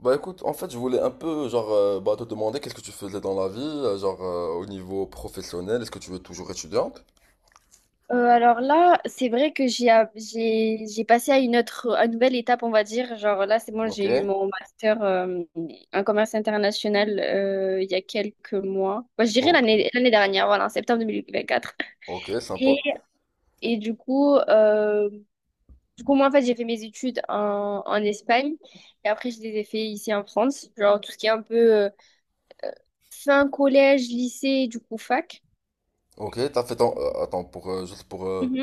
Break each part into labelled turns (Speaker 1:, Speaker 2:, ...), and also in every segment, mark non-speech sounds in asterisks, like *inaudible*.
Speaker 1: Bah écoute, en fait, je voulais un peu, genre, te demander qu'est-ce que tu faisais dans la vie, genre, au niveau professionnel, est-ce que tu es toujours étudiante?
Speaker 2: Alors là, c'est vrai que j'ai a- j'ai j'ai passé à une nouvelle étape, on va dire. Genre là, c'est bon,
Speaker 1: Ok.
Speaker 2: j'ai eu mon master en commerce international il y a quelques mois. Bah, je dirais
Speaker 1: Ok,
Speaker 2: l'année dernière, voilà, en septembre 2024.
Speaker 1: ok, sympa.
Speaker 2: Et, et du coup, moi en fait, j'ai fait mes études en Espagne et après je les ai fait ici en France. Genre tout ce qui est un peu fin collège, lycée, du coup fac.
Speaker 1: Ok, attends,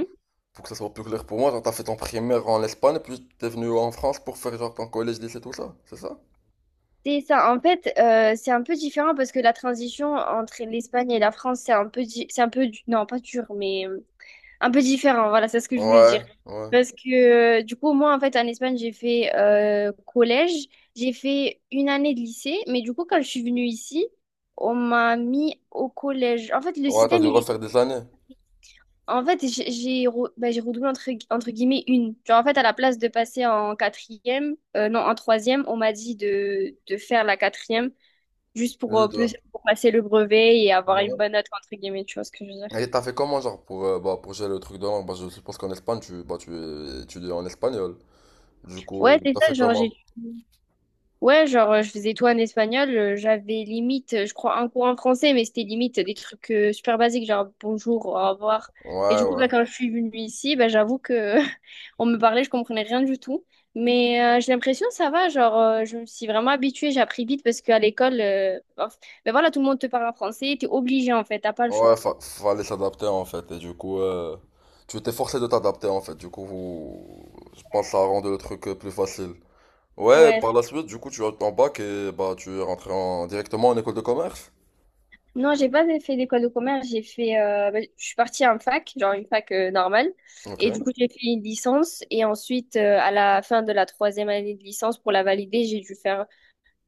Speaker 1: pour que ça soit plus clair pour moi, genre, t'as fait ton primaire en Espagne, puis t'es venu en France pour faire, genre, ton collège, lycée, tout ça, c'est ça?
Speaker 2: C'est ça. En fait, c'est un peu différent parce que la transition entre l'Espagne et la France, c'est un peu, non, pas dur, mais un peu différent. Voilà, c'est ce que je voulais
Speaker 1: Ouais,
Speaker 2: dire.
Speaker 1: ouais.
Speaker 2: Parce que du coup, moi, en fait, en Espagne, j'ai fait collège, j'ai fait une année de lycée, mais du coup, quand je suis venue ici, on m'a mis au collège. En fait,
Speaker 1: Ouais, t'as dû refaire des années.
Speaker 2: en fait, j'ai redoublé entre, entre guillemets une. Genre, en fait, à la place de passer en quatrième, non, en troisième, on m'a dit de faire la quatrième juste pour,
Speaker 1: Plus
Speaker 2: euh, pe-
Speaker 1: de.
Speaker 2: pour passer le brevet et avoir une
Speaker 1: Ouais.
Speaker 2: bonne note, entre guillemets, tu vois ce que je veux dire.
Speaker 1: Et t'as fait comment, genre, pour gérer le truc de langue? Bah, je suppose qu'en Espagne, tu étudies en espagnol. Du
Speaker 2: Ouais,
Speaker 1: coup,
Speaker 2: c'est
Speaker 1: t'as
Speaker 2: ça,
Speaker 1: fait
Speaker 2: genre,
Speaker 1: comment?
Speaker 2: j'ai... Ouais, genre, je faisais tout en espagnol, j'avais limite, je crois, un cours en français, mais c'était limite des trucs super basiques, genre, bonjour, au revoir. Et
Speaker 1: Ouais,
Speaker 2: du coup,
Speaker 1: ouais.
Speaker 2: bah, quand je suis venue ici, bah, j'avoue que *laughs* on me parlait, je comprenais rien du tout. Mais j'ai l'impression ça va, genre je me suis vraiment habituée, j'ai appris vite parce qu'à l'école, bah, ben voilà, tout le monde te parle en français, t'es obligé en fait, t'as pas le
Speaker 1: Ouais,
Speaker 2: choix.
Speaker 1: fallait s'adapter en fait. Et du coup, tu t'es forcé de t'adapter en fait. Du coup, je pense que ça a rendu le truc plus facile. Ouais, par
Speaker 2: Ouais,
Speaker 1: la suite, du coup, tu as eu ton bac et bah tu es rentré directement en école de commerce.
Speaker 2: non, j'ai pas fait d'école de commerce. Je suis partie en fac, genre une fac normale.
Speaker 1: Ok,
Speaker 2: Et du coup, j'ai fait une licence. Et ensuite, à la fin de la troisième année de licence, pour la valider, j'ai dû faire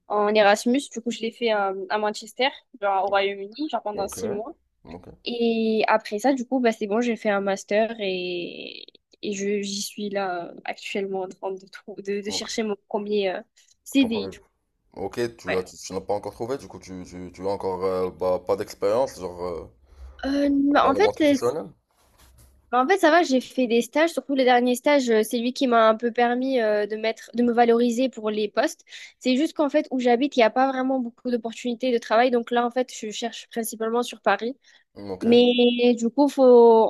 Speaker 2: en Erasmus. Du coup, je l'ai fait à Manchester, genre au Royaume-Uni, genre pendant
Speaker 1: ok,
Speaker 2: 6 mois.
Speaker 1: ok,
Speaker 2: Et après ça, du coup, bah, c'est bon, j'ai fait un master et j'y suis là actuellement en train de
Speaker 1: ok.
Speaker 2: chercher mon premier
Speaker 1: Ton
Speaker 2: CDI
Speaker 1: premier.
Speaker 2: du coup.
Speaker 1: Ok,
Speaker 2: Ouais.
Speaker 1: tu n'as pas encore trouvé, du coup, tu as encore bah, pas d'expérience, genre,
Speaker 2: Euh, bah,
Speaker 1: dans
Speaker 2: en
Speaker 1: le monde
Speaker 2: fait, euh,
Speaker 1: professionnel.
Speaker 2: En fait, ça va, j'ai fait des stages, surtout les derniers stages, c'est lui qui m'a un peu permis de me valoriser pour les postes. C'est juste qu'en fait, où j'habite, il n'y a pas vraiment beaucoup d'opportunités de travail. Donc là, en fait, je cherche principalement sur Paris.
Speaker 1: Ok,
Speaker 2: Mais du coup, faut...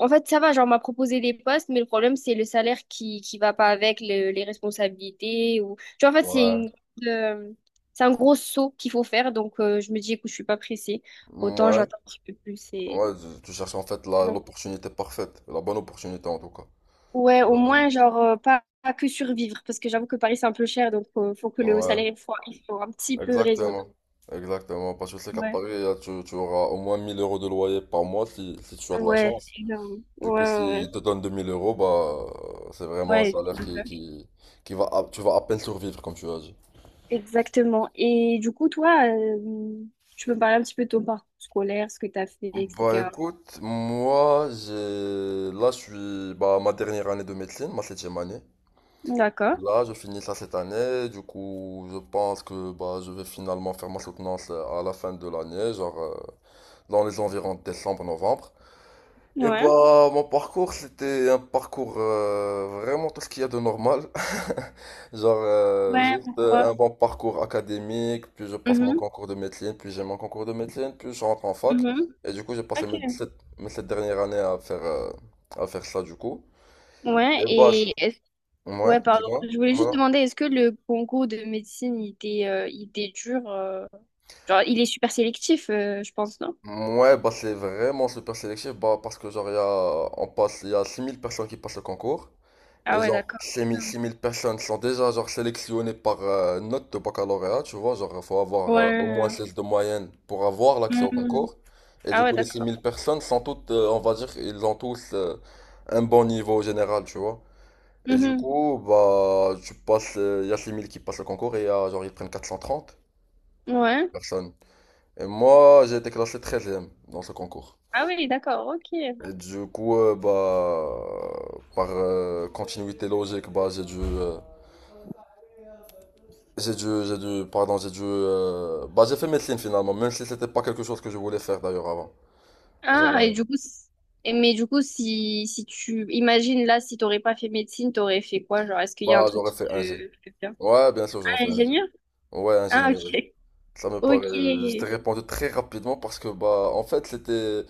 Speaker 2: en fait, ça va, genre, on m'a proposé des postes, mais le problème, c'est le salaire qui va pas avec les responsabilités. Ou... Tu vois, en fait,
Speaker 1: ouais,
Speaker 2: euh, c'est un gros saut qu'il faut faire. Donc, je me dis, écoute, je suis pas pressée. Autant
Speaker 1: ouais,
Speaker 2: j'attends un petit peu plus. Et...
Speaker 1: ouais, tu cherches en fait
Speaker 2: ouais.
Speaker 1: l'opportunité parfaite, la bonne opportunité en tout cas.
Speaker 2: Ouais, au
Speaker 1: Ouais.
Speaker 2: moins, genre, pas que survivre, parce que j'avoue que Paris, c'est un peu cher, donc faut que le
Speaker 1: Ouais.
Speaker 2: salaire il soit un petit peu raisonnable.
Speaker 1: Exactement, exactement. Parce que je sais qu'à
Speaker 2: Ouais,
Speaker 1: Paris, tu auras au moins 1 000 € de loyer par mois si, tu as de la
Speaker 2: ouais,
Speaker 1: chance.
Speaker 2: évidemment.
Speaker 1: Du
Speaker 2: Ouais,
Speaker 1: coup,
Speaker 2: ouais,
Speaker 1: s'ils
Speaker 2: ouais.
Speaker 1: te donnent 2000 euros, bah, c'est vraiment un
Speaker 2: Ouais,
Speaker 1: salaire
Speaker 2: c'est le faire.
Speaker 1: qui va, tu vas à peine survivre, comme tu as dit.
Speaker 2: Exactement. Et du coup, toi, tu peux me parler un petit peu de ton parcours scolaire, ce que tu as fait,
Speaker 1: Bah
Speaker 2: etc.
Speaker 1: écoute, moi, là, je suis, bah, ma dernière année de médecine, ma septième année.
Speaker 2: D'accord,
Speaker 1: Là, je finis ça cette année. Du coup, je pense que, bah, je vais finalement faire ma soutenance à la fin de l'année, genre, dans les environs de décembre-novembre. Et
Speaker 2: ouais.
Speaker 1: bah, mon parcours, c'était un parcours vraiment tout ce qu'il y a de normal. *laughs* Genre,
Speaker 2: Ouais,
Speaker 1: juste
Speaker 2: pourquoi?
Speaker 1: un bon parcours académique, puis je passe mon
Speaker 2: Mhm,
Speaker 1: concours de médecine, puis j'ai mon concours de médecine, puis je rentre en fac.
Speaker 2: mhm.
Speaker 1: Et du coup, j'ai passé
Speaker 2: Ok.
Speaker 1: mes sept dernières années à faire, ça, du coup.
Speaker 2: Ouais,
Speaker 1: Et bah,
Speaker 2: et
Speaker 1: ouais,
Speaker 2: ouais, pardon.
Speaker 1: dis-moi.
Speaker 2: Je voulais
Speaker 1: Ouais.
Speaker 2: juste demander, est-ce que le concours de médecine, il était dur? Genre, il est super sélectif, je pense, non?
Speaker 1: Ouais, bah, c'est vraiment super sélectif, bah, parce que genre, il y a 6 000 personnes qui passent le concours.
Speaker 2: Ah
Speaker 1: Et
Speaker 2: ouais,
Speaker 1: genre,
Speaker 2: d'accord.
Speaker 1: six mille personnes sont déjà genre sélectionnées par note de baccalauréat, tu vois, genre, il faut avoir au moins
Speaker 2: Ouais.
Speaker 1: 16 de moyenne pour avoir l'accès au
Speaker 2: Mhm.
Speaker 1: concours. Et
Speaker 2: Ah
Speaker 1: du
Speaker 2: ouais,
Speaker 1: coup, les six
Speaker 2: d'accord.
Speaker 1: mille personnes sont toutes, on va dire, ils ont tous un bon niveau général, tu vois. Et du
Speaker 2: Mhm.
Speaker 1: coup, bah, tu passes, il y a 6 000 qui passent le concours et y a, genre, ils prennent quatre cent trente
Speaker 2: Ouais.
Speaker 1: personnes. Et moi, j'ai été classé 13e dans ce concours.
Speaker 2: Ah oui, d'accord, ok.
Speaker 1: Et du coup, bah, par continuité logique, bah, j'ai dû, bah j'ai fait médecine finalement, même si c'était pas quelque chose que je voulais faire d'ailleurs avant. Genre,
Speaker 2: Ah, et du coup, et mais du coup, si tu imagines là, si t'aurais pas fait médecine, t'aurais fait quoi? Genre, est-ce qu'il y a un
Speaker 1: bah
Speaker 2: truc
Speaker 1: j'aurais
Speaker 2: qui
Speaker 1: fait
Speaker 2: te
Speaker 1: ingé.
Speaker 2: qui te plaît bien?
Speaker 1: Ouais, bien sûr, j'aurais
Speaker 2: Ah,
Speaker 1: fait ingé.
Speaker 2: ingénieur?
Speaker 1: Ouais,
Speaker 2: Ah,
Speaker 1: ingénierie.
Speaker 2: ok.
Speaker 1: Ça me paraît,
Speaker 2: Ok.
Speaker 1: je t'ai
Speaker 2: Ouais.
Speaker 1: répondu très rapidement parce que bah en fait c'était,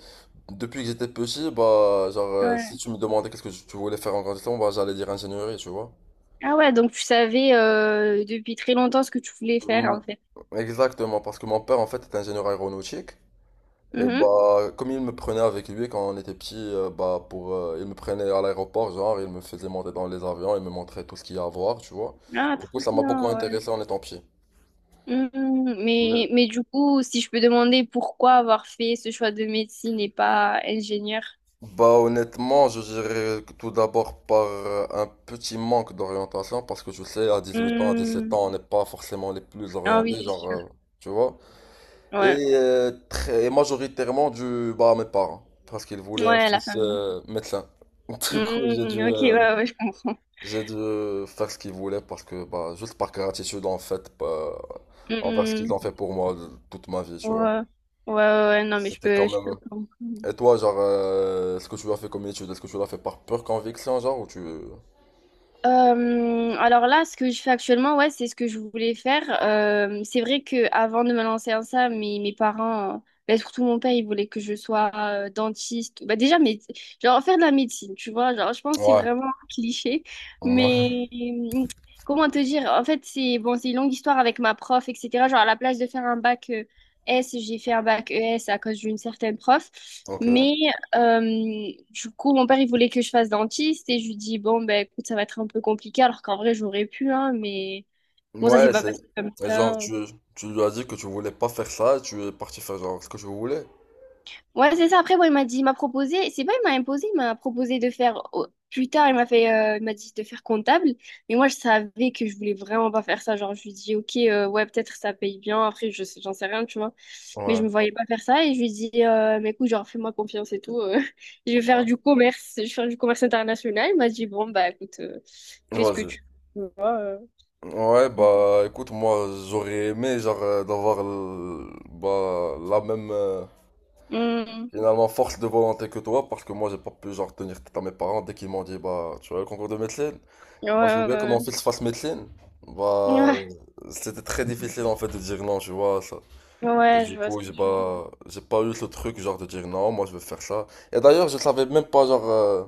Speaker 1: depuis que j'étais petit, bah genre si tu me demandais qu'est-ce que tu voulais faire en grandissant, bah j'allais dire ingénierie, tu vois.
Speaker 2: Ah ouais, donc tu savais depuis très longtemps ce que tu voulais
Speaker 1: Mm,
Speaker 2: faire en fait.
Speaker 1: exactement, parce que mon père en fait est ingénieur aéronautique. Et
Speaker 2: Mhm.
Speaker 1: bah, comme il me prenait avec lui quand on était petit, il me prenait à l'aéroport, genre, il me faisait monter dans les avions, il me montrait tout ce qu'il y a à voir, tu vois.
Speaker 2: Ah,
Speaker 1: Du coup,
Speaker 2: très
Speaker 1: ça m'a beaucoup
Speaker 2: bien.
Speaker 1: intéressé en étant petit.
Speaker 2: Hmm,
Speaker 1: Mais-
Speaker 2: mais du coup, si je peux demander pourquoi avoir fait ce choix de médecine et pas ingénieur?
Speaker 1: Bah, honnêtement, je dirais que tout d'abord par un petit manque d'orientation, parce que tu sais, à 18 ans, à 17
Speaker 2: Hmm,
Speaker 1: ans, on n'est pas forcément les plus
Speaker 2: ah oui,
Speaker 1: orientés,
Speaker 2: c'est
Speaker 1: genre,
Speaker 2: sûr.
Speaker 1: tu vois.
Speaker 2: Ouais,
Speaker 1: Et très majoritairement dû bah, à mes parents, parce qu'ils voulaient un
Speaker 2: ouais, la
Speaker 1: fils
Speaker 2: famille.
Speaker 1: médecin. *laughs* Du coup,
Speaker 2: Hmm, ok, ouais, ouais, je comprends.
Speaker 1: j'ai dû faire ce qu'ils voulaient parce que, bah, juste par gratitude en fait, bah, envers ce qu'ils
Speaker 2: Hmm,
Speaker 1: ont fait pour moi toute ma vie, tu
Speaker 2: ouais,
Speaker 1: vois.
Speaker 2: ouais, ouais, ouais, non, mais je
Speaker 1: C'était quand
Speaker 2: peux, je peux
Speaker 1: même.
Speaker 2: comprendre.
Speaker 1: Et toi, genre, ce que tu as fait comme étude, est-ce que tu l'as fait par pure conviction, genre, ou tu.
Speaker 2: Alors là, ce que je fais actuellement, ouais, c'est ce que je voulais faire. C'est vrai que avant de me lancer en ça, mes parents, ben, surtout mon père, il voulait que je sois dentiste. Bah, déjà, mais, genre faire de la médecine, tu vois. Genre, je pense que c'est
Speaker 1: Ouais.
Speaker 2: vraiment un cliché.
Speaker 1: Ouais.
Speaker 2: Mais comment te dire? En fait, c'est bon, c'est une longue histoire avec ma prof, etc. Genre, à la place de faire un bac S, j'ai fait un bac ES à cause d'une certaine prof. Mais
Speaker 1: Ok.
Speaker 2: du coup, mon père, il voulait que je fasse dentiste et je lui dis, bon, ben écoute, ça va être un peu compliqué, alors qu'en vrai, j'aurais pu, hein, mais bon, ça s'est
Speaker 1: Ouais,
Speaker 2: pas
Speaker 1: c'est.
Speaker 2: passé comme
Speaker 1: Et genre,
Speaker 2: ça.
Speaker 1: tu lui as dit que tu voulais pas faire ça et tu es parti faire, genre, ce que tu voulais.
Speaker 2: Ouais, c'est ça. Après, bon, il m'a dit, il m'a proposé, c'est pas il m'a imposé, il m'a proposé de faire, plus tard, il m'a dit de faire comptable. Mais moi, je savais que je voulais vraiment pas faire ça. Genre, je lui dis, ok, ouais, peut-être ça paye bien. Après, j'en sais rien, tu vois. Mais je
Speaker 1: Ouais.
Speaker 2: me voyais pas faire ça. Et je lui dis, mais écoute, genre, fais-moi confiance et tout. *laughs* Je vais faire du commerce, je vais faire du commerce international. Il m'a dit, bon, bah, écoute, fais ce que
Speaker 1: Vas-y.
Speaker 2: tu veux.
Speaker 1: Ouais, bah, écoute, moi, j'aurais aimé, genre, d'avoir, bah, la même.
Speaker 2: Hmm.
Speaker 1: Finalement, force de volonté que toi, parce que moi, j'ai pas pu genre tenir tête à mes parents dès qu'ils m'ont dit, bah, tu vois le concours de médecine?
Speaker 2: Ouais,
Speaker 1: Bah, je veux bien que
Speaker 2: ouais,
Speaker 1: mon fils fasse médecine. Bah,
Speaker 2: ouais.
Speaker 1: c'était très difficile en fait de dire non, tu vois, ça.
Speaker 2: Ouais,
Speaker 1: Et
Speaker 2: ouais, je
Speaker 1: du
Speaker 2: vois ce
Speaker 1: coup,
Speaker 2: que
Speaker 1: j'ai
Speaker 2: tu veux dire.
Speaker 1: bah, j'ai pas eu ce truc genre de dire non, moi, je veux faire ça. Et d'ailleurs, je savais même pas, genre,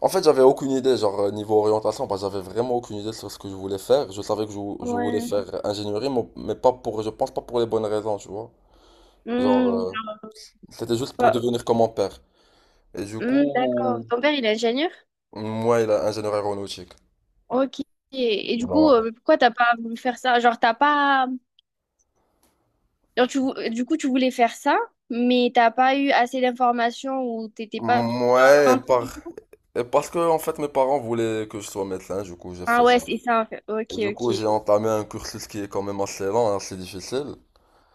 Speaker 1: en fait, j'avais aucune idée, genre, niveau orientation, bah, j'avais vraiment aucune idée sur ce que je voulais faire. Je savais que je voulais
Speaker 2: Ouais.
Speaker 1: faire ingénierie, mais pas pour, je pense pas pour les bonnes raisons, tu vois. Genre,
Speaker 2: Hmm.
Speaker 1: c'était juste pour devenir comme mon père. Et du
Speaker 2: Hmm, d'accord.
Speaker 1: coup,
Speaker 2: Ton père, il est ingénieur?
Speaker 1: moi, il a ingénieur aéronautique.
Speaker 2: Ok. Et du coup,
Speaker 1: Bon,
Speaker 2: pourquoi t'as pas voulu faire ça? Genre, t'as pas... Genre, du coup, tu voulais faire ça, mais t'as pas eu assez d'informations ou t'étais pas bien
Speaker 1: ouais,
Speaker 2: orientée.
Speaker 1: et parce que, en fait, mes parents voulaient que je sois médecin, du coup, j'ai
Speaker 2: Ah
Speaker 1: fait
Speaker 2: ouais,
Speaker 1: ça.
Speaker 2: c'est ça, en fait.
Speaker 1: Et
Speaker 2: Ok,
Speaker 1: du coup, j'ai
Speaker 2: ok.
Speaker 1: entamé un cursus qui est quand même assez lent, assez difficile.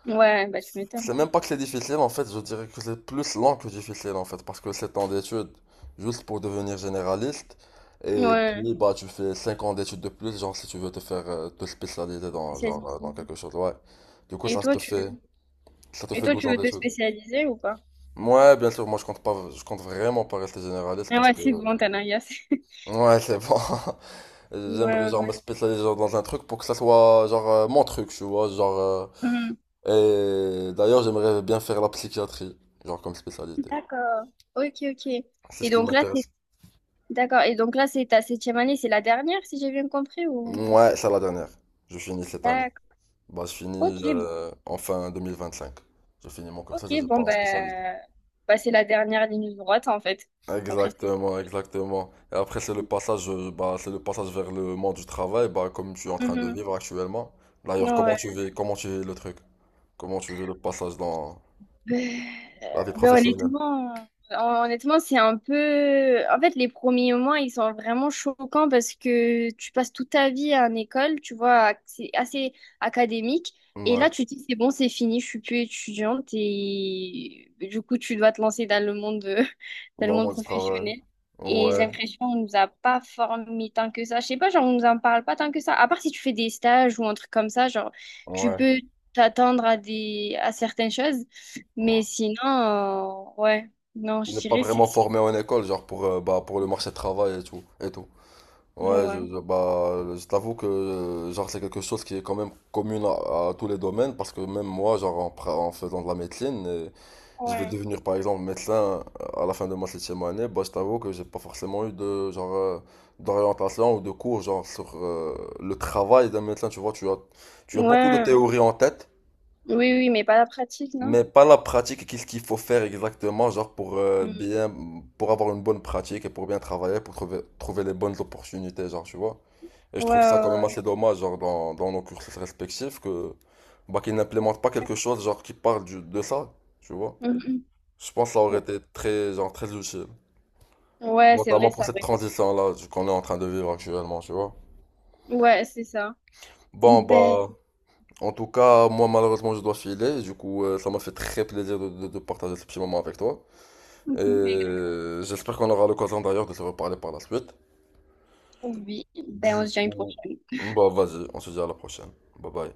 Speaker 2: Ouais, bah tu m'étonnes.
Speaker 1: C'est même pas que c'est difficile, en fait, je dirais que c'est plus lent que difficile, en fait, parce que 7 ans d'études, juste pour devenir généraliste. Et
Speaker 2: Ouais,
Speaker 1: puis, bah, tu fais 5 ans d'études de plus, genre, si tu veux te spécialiser genre, dans
Speaker 2: spécialisé.
Speaker 1: quelque chose, ouais. Du coup,
Speaker 2: Et toi, tu...
Speaker 1: ça te
Speaker 2: Et
Speaker 1: fait
Speaker 2: toi,
Speaker 1: 12
Speaker 2: tu
Speaker 1: ans
Speaker 2: veux te
Speaker 1: d'études.
Speaker 2: spécialiser ou pas?
Speaker 1: Ouais, bien sûr, moi je compte pas, je compte vraiment pas rester généraliste
Speaker 2: Ah
Speaker 1: parce
Speaker 2: ouais,
Speaker 1: que.
Speaker 2: c'est bon, t'as l'air *laughs*
Speaker 1: Ouais, c'est bon. *laughs* J'aimerais
Speaker 2: Ouais,
Speaker 1: genre me
Speaker 2: ouais.
Speaker 1: spécialiser genre, dans un truc pour que ça soit genre mon truc, tu vois. Genre.
Speaker 2: Mhm.
Speaker 1: Et d'ailleurs, j'aimerais bien faire la psychiatrie, genre comme spécialité.
Speaker 2: D'accord. Ok, ok.
Speaker 1: C'est
Speaker 2: Et
Speaker 1: ce qui
Speaker 2: donc là, t'es...
Speaker 1: m'intéresse.
Speaker 2: D'accord. Et donc là, c'est ta septième année, c'est la dernière, si j'ai bien compris, ou...
Speaker 1: Ouais, c'est la dernière. Je finis cette année.
Speaker 2: D'accord.
Speaker 1: Bah, je
Speaker 2: Ok,
Speaker 1: finis en fin 2025. Je finis mon
Speaker 2: ok,
Speaker 1: cursus et je
Speaker 2: bon,
Speaker 1: pars en spécialité.
Speaker 2: ben, bah, c'est la dernière ligne droite, en fait. Après.
Speaker 1: Exactement, exactement. Et après, c'est le passage, vers le monde du travail, bah, comme tu es en train de
Speaker 2: Mhm.
Speaker 1: vivre actuellement. D'ailleurs,
Speaker 2: Ouais.
Speaker 1: comment tu vis le truc? Comment tu vis le passage dans
Speaker 2: *laughs* Ben,
Speaker 1: la vie professionnelle?
Speaker 2: honnêtement, honnêtement, c'est un peu... En fait, les premiers moments, ils sont vraiment choquants parce que tu passes toute ta vie à une école, tu vois, c'est assez académique. Et
Speaker 1: Ouais,
Speaker 2: là, tu te dis, c'est bon, c'est fini, je suis plus étudiante. Et ben, du coup, tu dois te lancer dans le monde, *laughs* dans le
Speaker 1: dans le
Speaker 2: monde
Speaker 1: monde du travail.
Speaker 2: professionnel. Et j'ai
Speaker 1: Ouais,
Speaker 2: l'impression qu'on nous a pas formés tant que ça. Je sais pas, genre, on nous en parle pas tant que ça. À part si tu fais des stages ou un truc comme ça, genre, tu
Speaker 1: ouais,
Speaker 2: peux t'attendre à certaines choses. Mais
Speaker 1: ouais.
Speaker 2: sinon, ouais, non,
Speaker 1: On
Speaker 2: je
Speaker 1: n'est pas
Speaker 2: dirais c'est...
Speaker 1: vraiment
Speaker 2: ça.
Speaker 1: formé en école, genre pour le marché du travail et tout, et tout. Ouais,
Speaker 2: Ouais,
Speaker 1: bah, je t'avoue que genre c'est quelque chose qui est quand même commune à tous les domaines, parce que même moi, genre en faisant de la médecine, je vais
Speaker 2: ouais,
Speaker 1: devenir par exemple médecin à la fin de ma septième année, bah, je t'avoue que j'ai pas forcément eu de genre d'orientation ou de cours genre sur le travail d'un médecin, tu vois, tu as beaucoup de
Speaker 2: ouais,
Speaker 1: théories en tête,
Speaker 2: oui, oui, mais pas la pratique, non?
Speaker 1: mais pas la pratique et qu'est-ce qu'il faut faire exactement genre pour
Speaker 2: Mm.
Speaker 1: bien pour avoir une bonne pratique et pour bien travailler, pour trouver les bonnes opportunités, genre, tu vois. Et je
Speaker 2: Ouais,
Speaker 1: trouve ça quand même
Speaker 2: ouais,
Speaker 1: assez dommage genre dans nos cursus respectifs que bah qu'ils n'implémentent pas quelque chose genre qui parle de ça, tu vois.
Speaker 2: ouais. Mhm.
Speaker 1: Je pense que ça aurait été très, genre, très utile.
Speaker 2: Ouais, c'est
Speaker 1: Notamment
Speaker 2: vrai,
Speaker 1: pour
Speaker 2: ça,
Speaker 1: cette
Speaker 2: vrai.
Speaker 1: transition-là qu'on est en train de vivre actuellement, tu vois.
Speaker 2: Ouais, c'est ça.
Speaker 1: Bon,
Speaker 2: Ben,
Speaker 1: bah, en tout cas, moi, malheureusement, je dois filer. Du coup, ça m'a fait très plaisir de partager ce petit moment avec toi. Et
Speaker 2: mhm.
Speaker 1: j'espère qu'on aura l'occasion d'ailleurs de se reparler par la suite.
Speaker 2: Oui, ben, on
Speaker 1: Du
Speaker 2: se dit à une
Speaker 1: coup,
Speaker 2: prochaine.
Speaker 1: bah, vas-y, on se dit à la prochaine. Bye bye.